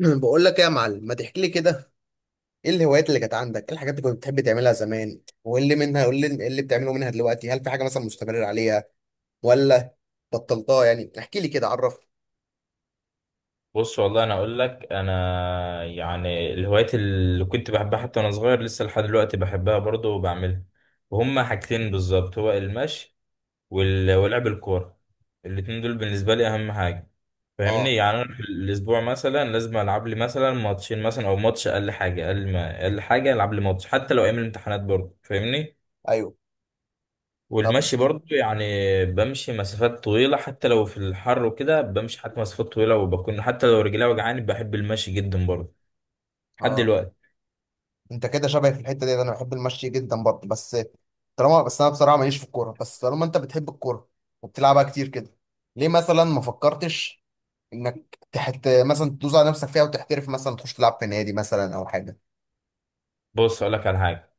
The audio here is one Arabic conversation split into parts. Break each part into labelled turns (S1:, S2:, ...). S1: أنا بقول لك ايه يا معلم، ما تحكي لي كده. ايه الهوايات اللي كانت عندك، ايه الحاجات اللي كنت بتحب تعملها زمان، وايه اللي منها وايه اللي إيه اللي بتعمله منها دلوقتي؟ هل في حاجه مثلا مستمر عليها ولا بطلتها؟ يعني احكي لي كده، عرفني.
S2: بص والله انا اقول لك انا يعني الهوايات اللي كنت بحبها حتى وانا صغير لسه لحد دلوقتي بحبها برضه وبعملها. وهما حاجتين بالظبط، هو المشي ولعب الكوره. الاتنين دول بالنسبه لي اهم حاجه، فاهمني؟
S1: اه.
S2: يعني انا في الاسبوع مثلا لازم العب لي مثلا ماتشين مثلا او ماتش، اقل حاجه، اقل ما اقل حاجه العب لي ماتش، حتى لو ايام الامتحانات برضه، فاهمني؟
S1: ايوه. طب.
S2: والمشي برضو يعني بمشي مسافات طويلة، حتى لو في الحر وكده بمشي حتى مسافات طويلة، وبكون حتى لو رجلي وجعاني بحب المشي جدا برضو لحد
S1: اه،
S2: دلوقتي.
S1: انت كده شبهي في الحته دي، انا بحب المشي جدا برضه. بس انا بصراحه ماليش في الكوره، بس طالما انت بتحب الكوره وبتلعبها كتير كده، ليه مثلا ما فكرتش انك تحت مثلا تدوس على نفسك فيها وتحترف، مثلا تخش تلعب في نادي مثلا او حاجه؟
S2: بص أقولك على حاجة،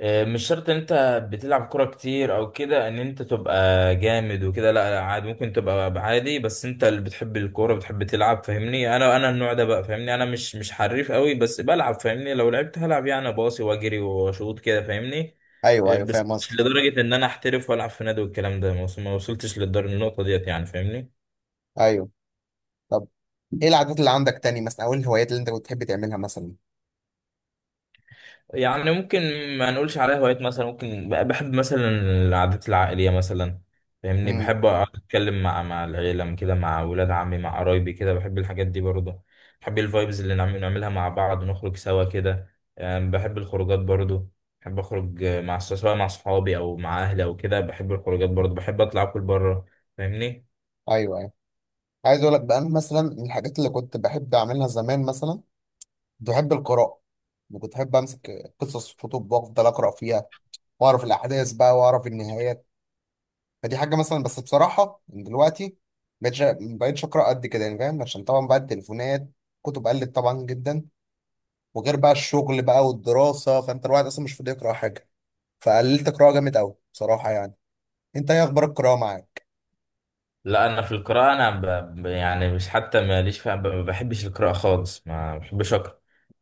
S2: مش شرط ان انت بتلعب كرة كتير او كده ان انت تبقى جامد وكده، لا لا عادي، ممكن تبقى عادي، بس انت اللي بتحب الكورة بتحب تلعب، فاهمني؟ انا النوع ده بقى فاهمني، انا مش حريف قوي بس بلعب، فاهمني؟ لو لعبت هلعب يعني، باصي واجري واشوط كده، فاهمني؟
S1: ايوه ايوه،
S2: بس
S1: فاهم
S2: مش
S1: قصدك.
S2: لدرجة ان انا احترف والعب في نادي والكلام ده، ما وصلتش للدر النقطة ديت يعني، فاهمني؟
S1: ايوه. طب ايه العادات اللي عندك تاني مثلا، او إيه الهوايات اللي انت كنت بتحب تعملها مثلا؟
S2: يعني ممكن ما نقولش عليها هوايات مثلا، ممكن بحب مثلا العادات العائلية مثلا، فاهمني؟
S1: امم.
S2: بحب أقعد أتكلم مع العيلة كده، مع ولاد عمي، مع قرايبي كده، بحب الحاجات دي برضه. بحب الفايبز اللي نعملها مع بعض ونخرج سوا كده، يعني بحب الخروجات برضه. بحب أخرج سواء مع صحابي أو مع أهلي أو كده، بحب الخروجات برضه، بحب أطلع أكل بره، فاهمني؟
S1: ايوه ايوه، عايز اقول لك بقى، انا مثلا من الحاجات اللي كنت بحب اعملها زمان مثلا، كنت بحب القراءه. وكنت بحب امسك قصص كتب وافضل اقرا فيها واعرف الاحداث بقى واعرف النهايات. فدي حاجه مثلا، بس بصراحه من دلوقتي مبقتش اقرا قد كده، يعني فاهم؟ عشان طبعا بقى التليفونات، كتب قلت طبعا جدا، وغير بقى الشغل بقى والدراسه، فانت الواحد اصلا مش فاضي يقرا حاجه. فقللت قراءه جامد قوي بصراحه يعني. انت ايه اخبار القراءه معاك؟
S2: لا أنا في القراءة أنا يعني مش حتى ماليش فيها، ما بحبش القراءة خالص، ما بحبش أقرأ.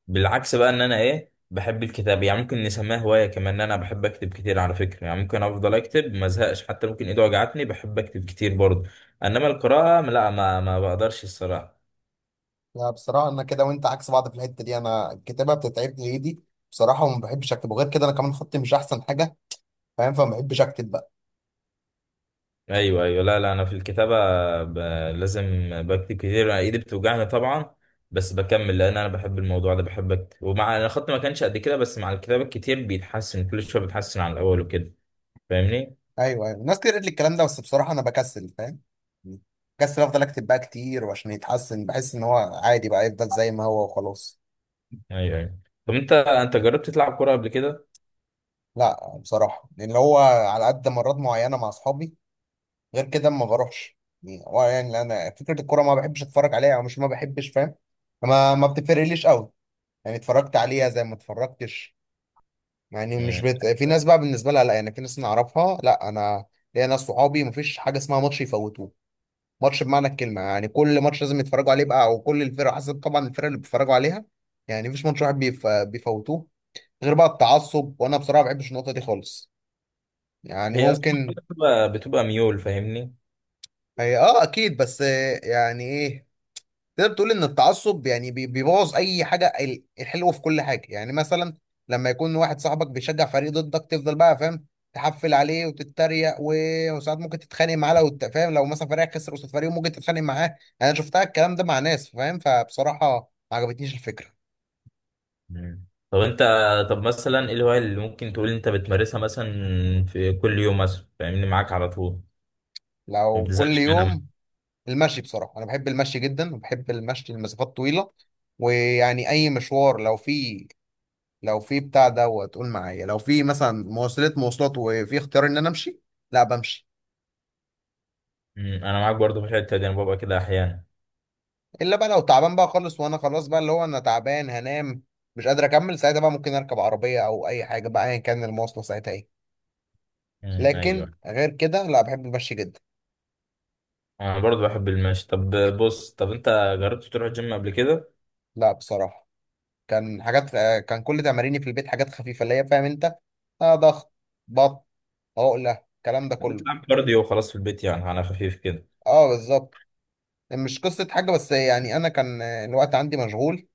S2: بالعكس بقى، ان انا ايه، بحب الكتاب، يعني ممكن نسميها هواية كمان، ان انا بحب اكتب كتير على فكرة، يعني ممكن افضل اكتب ما ازهقش، حتى ممكن ايدي وجعتني بحب اكتب كتير برضه. انما القراءة لا، ما بقدرش الصراحة.
S1: لا، بصراحة أنا كده وأنت عكس بعض في الحتة دي، أنا الكتابة بتتعب لي إيدي بصراحة، وما بحبش أكتب، وغير كده أنا كمان خطي مش أحسن حاجة فاهم؟ فما بحبش أكتب بقى.
S2: ايوه ايوه، لا لا، انا في الكتابة ب... لازم بكتب كتير، ايدي بتوجعني طبعا، بس بكمل لان انا بحب الموضوع ده، بحب اكتب، ومع انا خط ما كانش قد كده، بس مع الكتابة الكتير بيتحسن كل شوية، بيتحسن عن الاول وكده، فاهمني؟
S1: أيوه أيوه، ناس كتير قالت لي الكلام ده، بس بصراحة أنا بكسل فاهم؟ بكسل أفضل أكتب بقى كتير وعشان يتحسن، بحس إن هو عادي بقى يفضل زي ما هو وخلاص.
S2: ايوه ايوه. طب انت جربت تلعب كورة قبل كده؟
S1: لا، بصراحة لأن هو على قد مرات معينة مع أصحابي، غير كده ما بروحش. يعني هو يعني أنا فكرة الكورة ما بحبش أتفرج عليها، أو مش ما بحبش فاهم، ما بتفرقليش قوي. يعني اتفرجت عليها زي ما اتفرجتش. يعني مش
S2: مم.
S1: بت... في ناس بقى بالنسبه لها لا، يعني في ناس نعرفها لا، انا ليا ناس صحابي مفيش حاجه اسمها ماتش يفوتوه. ماتش بمعنى الكلمه، يعني كل ماتش لازم يتفرجوا عليه بقى، او كل الفرق، حسب طبعا الفرق اللي بيتفرجوا عليها. يعني مفيش ماتش واحد بيفوتوه. غير بقى التعصب، وانا بصراحه ما بحبش النقطه دي خالص. يعني
S2: هي اصلا
S1: ممكن.
S2: بتبقى ميول، فاهمني؟
S1: هي اه اكيد، بس يعني ايه، تقدر تقول ان التعصب يعني بيبوظ اي حاجه الحلوه في كل حاجه. يعني مثلا لما يكون واحد صاحبك بيشجع فريق ضدك، تفضل بقى فاهم، تحفل عليه وتتريق، وساعات ممكن تتخانق معاه لو انت فاهم، لو مثلا فريقك خسر قصاد فريق ممكن تتخانق معاه يعني. انا شفتها الكلام ده مع ناس فاهم، فبصراحه ما عجبتنيش الفكره.
S2: مم. طب انت، طب مثلا ايه الهواية اللي ممكن تقول انت بتمارسها مثلا في كل يوم، مثلا فاهمني، معاك على طول ما
S1: لو كل
S2: بتزهقش منها؟
S1: يوم، المشي بصراحه. انا بحب المشي جدا وبحب المشي لمسافات طويله. ويعني اي مشوار لو فيه، لو في بتاع دوت قول معايا، لو في مثلا مواصلات وفي اختيار ان انا امشي، لا، بمشي.
S2: مم. انا معاك برضو في الحتة دي، انا ببقى كده احيانا.
S1: الا بقى لو تعبان بقى خالص، وانا خلاص بقى اللي هو انا تعبان هنام، مش قادر اكمل ساعتها بقى، ممكن اركب عربيه او اي حاجه بقى، ايا كان المواصله ساعتها ايه.
S2: مم.
S1: لكن
S2: ايوه،
S1: غير كده لا، بحب المشي جدا.
S2: انا برضو بحب المشي. طب بص، طب انت جربت تروح الجيم قبل كده؟
S1: لا بصراحه، كان حاجات، كان كل تماريني في البيت حاجات خفيفه اللي هي فاهم انت، آه، ضغط، بط عقله، الكلام ده كله.
S2: بتلعب كارديو وخلاص في البيت، يعني على خفيف كده؟
S1: اه بالظبط. مش قصه حاجه، بس يعني انا كان الوقت عندي مشغول.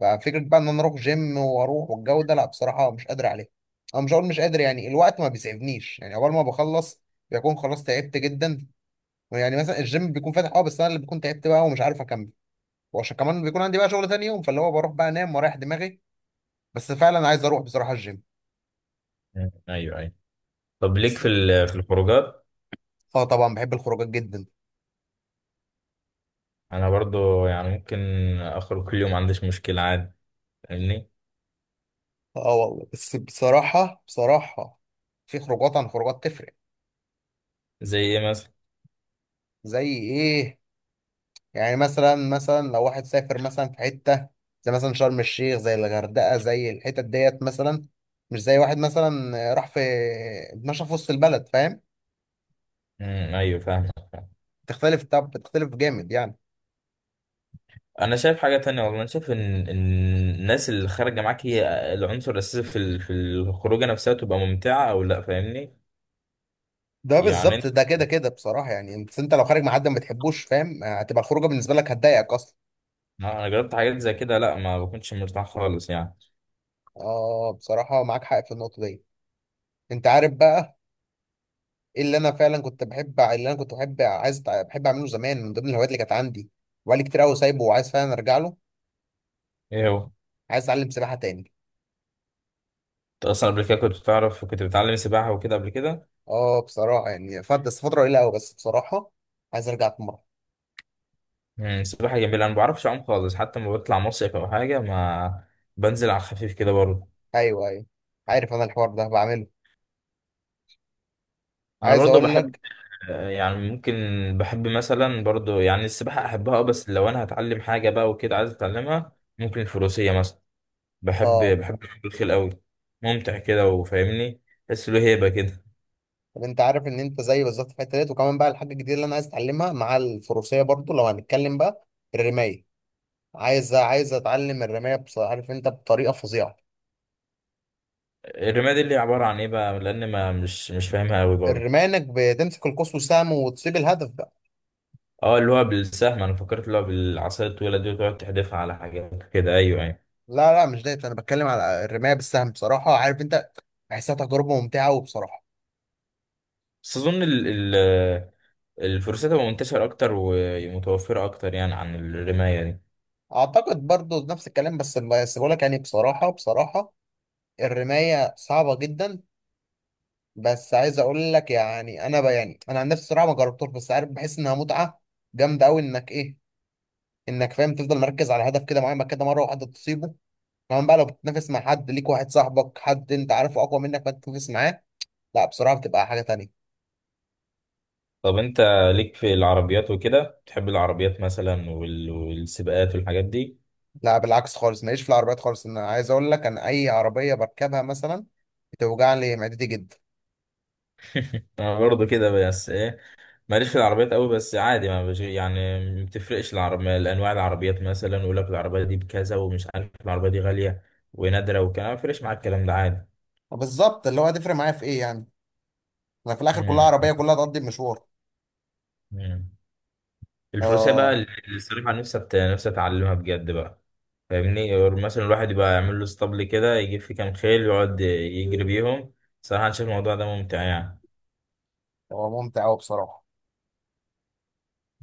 S1: ففكره بقى ان انا اروح جيم واروح والجو ده، لا بصراحه مش قادر عليه. انا مش هقول مش قادر، يعني الوقت ما بيسعفنيش، يعني اول ما بخلص بيكون خلاص تعبت جدا. يعني مثلا الجيم بيكون فاتح اه، بس انا اللي بكون تعبت بقى ومش عارف اكمل. وعشان كمان بيكون عندي بقى شغل تاني يوم، فاللي هو بروح بقى انام واريح دماغي. بس فعلا عايز اروح بصراحه الجيم.
S2: مم. ايوه ايوه. طب ليك
S1: بس-
S2: في في الخروجات؟
S1: اه طبعا، بحب الخروجات جدا.
S2: انا برضو يعني ممكن اخرج كل يوم، ما عنديش مشكلة عادي، فاهمني؟
S1: اه والله، بس بصراحه في خروجات عن خروجات تفرق.
S2: زي ايه؟
S1: زي ايه؟ يعني مثلا لو واحد سافر مثلا في حتة زي مثلا شرم الشيخ، زي الغردقة، زي الحتت ديت مثلا. مش زي واحد مثلا راح في اتمشى في وسط البلد فاهم؟
S2: امم، ايوه فاهم.
S1: تختلف، طب بتختلف جامد يعني.
S2: انا شايف حاجه تانية والله، انا شايف ان إن الناس اللي خارجه معاك هي العنصر الاساسي في في الخروجه نفسها تبقى ممتعه او لا، فاهمني؟
S1: ده
S2: يعني انا،
S1: بالظبط، ده كده كده بصراحة، يعني انت انت لو خارج مع حد ما بتحبوش فاهم، هتبقى الخروجة بالنسبة لك هتضايقك اصلا.
S2: أنا جربت حاجات زي كده، لا ما بكونش مرتاح خالص يعني.
S1: اه، بصراحة معاك حق في النقطة دي. انت عارف بقى ايه اللي انا فعلا كنت بحب؟ إيه اللي انا كنت بحب اعمله زمان من ضمن الهوايات اللي كانت عندي، وبقالي كتير قوي سايبه وعايز فعلا ارجع له.
S2: ايه هو؟
S1: عايز اتعلم سباحة تاني.
S2: انت اصلا قبل كده كنت بتعرف، كنت بتعلم سباحه وكده قبل كده؟
S1: اه بصراحة، يعني فات بس فترة قليلة أوي، بس بصراحة عايز أرجع في مرة.
S2: امم، سباحه جميله، انا ما بعرفش اعوم خالص، حتى لما بطلع مصيف او حاجه ما بنزل على الخفيف كده برضه.
S1: أيوه أيوه، عارف أنا الحوار ده بعمله.
S2: انا
S1: عايز
S2: برضه
S1: أقول
S2: بحب،
S1: لك.
S2: يعني ممكن بحب مثلا برضو، يعني السباحة أحبها أه، بس لو أنا هتعلم حاجة بقى وكده عايز أتعلمها، ممكن الفروسية مثلا. بحب
S1: اه،
S2: الخيل أوي، ممتع كده وفاهمني، تحس له هيبة كده.
S1: طب أنت عارف إن أنت زي بالظبط في الحتة ديت؟ وكمان بقى الحاجة الجديدة اللي أنا عايز أتعلمها مع الفروسية برضو لو هنتكلم بقى، الرماية. عايز أتعلم الرماية. بص عارف أنت، بطريقة فظيعة.
S2: الرماية دي اللي هي عبارة عن إيه بقى؟ لأن ما مش مش فاهمها أوي برضو.
S1: الرماية إنك بتمسك القوس والسهم وتصيب الهدف بقى.
S2: أه اللي هو بالسهم، أنا فكرت اللي هو بالعصاية الطويلة دي وتقعد تحدفها على حاجات كده، أيوه أيوه.
S1: لا لا مش ده، أنا بتكلم على الرماية بالسهم. بصراحة عارف أنت، بحسها تجربة ممتعة وبصراحة.
S2: بس أظن ال ال الفروسية تبقى منتشرة أكتر ومتوفرة أكتر يعني عن الرماية دي.
S1: اعتقد برضو نفس الكلام، بس بقول لك يعني بصراحه، الرمايه صعبه جدا. بس عايز اقول لك، يعني انا يعني انا عن نفسي صراحه ما جربتوش، بس عارف بحس انها متعه جامده قوي، انك ايه، انك فاهم تفضل مركز على هدف كده معين، بعد كده مره واحده تصيبه. كمان بقى لو بتتنافس مع حد ليك، واحد صاحبك حد انت عارفه اقوى منك، فانت تتنافس معاه، لا بصراحه بتبقى حاجه تانية.
S2: طب انت ليك في العربيات وكده؟ بتحب العربيات مثلا والسباقات والحاجات دي؟
S1: لا بالعكس، خالص ماليش في العربيات خالص. انا عايز اقول لك، انا اي عربيه بركبها مثلا بتوجع لي معدتي جدا.
S2: انا برضه كده، بس ايه، ماليش في العربيات قوي، بس عادي ما بش يعني، ما بتفرقش العربية الانواع، العربيات مثلا يقول لك العربية دي بكذا ومش عارف، العربية دي غالية ونادرة وكلام، ما بيفرقش معاك الكلام ده عادي.
S1: بالظبط، اللي هو هتفرق معايا في ايه يعني؟ انا في الاخر كلها
S2: مم.
S1: عربيه، كلها تقضي المشوار.
S2: مم. الفروسية بقى،
S1: اه.
S2: اللي الصراحة نفسي نفسي اتعلمها بجد بقى، فاهمني؟ أو مثلا الواحد يبقى يعمل له اسطبل كده يجيب فيه كام خيل يقعد يجري بيهم، صراحة أنا شايف الموضوع ده ممتع يعني.
S1: هو ممتع قوي بصراحه.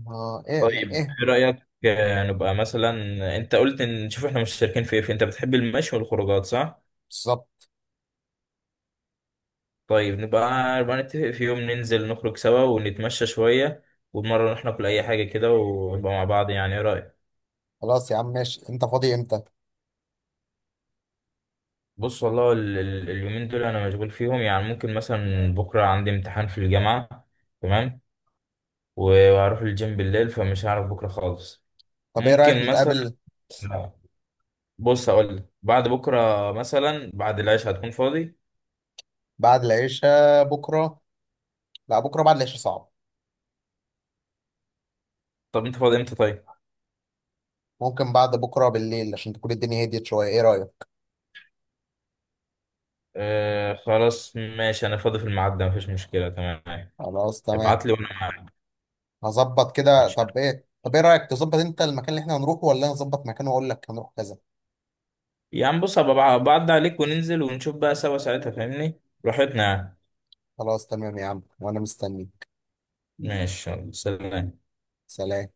S1: اه، ايه،
S2: طيب
S1: ايه.
S2: ايه رأيك، نبقى مثلا، انت قلت ان نشوف احنا مشتركين في ايه، انت بتحب المشي والخروجات، صح؟
S1: بالظبط.
S2: طيب نبقى نتفق في يوم ننزل نخرج سوا ونتمشى شوية، ومرة نروح ناكل اي حاجة كده ونبقى مع بعض، يعني ايه رأيك؟
S1: خلاص يا عم ماشي، انت فاضي امتى؟
S2: بص والله اليومين دول انا مشغول فيهم، يعني ممكن مثلا بكرة عندي امتحان في الجامعة، تمام، وهروح الجيم بالليل، فمش هعرف بكرة خالص.
S1: طب ايه رايك
S2: ممكن مثلا،
S1: نتقابل
S2: بص اقول لك، بعد بكرة مثلا بعد العشاء هتكون فاضي؟
S1: بعد العشاء بكره؟ لا، بكره بعد العشاء صعب.
S2: طب انت فاضي امتى طيب؟
S1: ممكن بعد بكره بالليل، عشان تكون الدنيا هديت شويه. ايه رايك؟
S2: آه خلاص ماشي، انا فاضي في الميعاد ده، مفيش مشكلة، تمام.
S1: خلاص تمام.
S2: ابعت لي وانا معاك.
S1: هظبط كده.
S2: ماشي،
S1: طب ايه، طب ايه رايك تظبط انت المكان اللي احنا هنروحه، ولا انا اظبط مكان واقول لك هنروح كذا؟
S2: يعني بص هبقى بعد عليك وننزل ونشوف بقى سوا ساعتها، فاهمني؟ براحتنا يعني.
S1: خلاص تمام يا عم، وانا مستنيك.
S2: ماشي، يلا، سلام.
S1: سلام.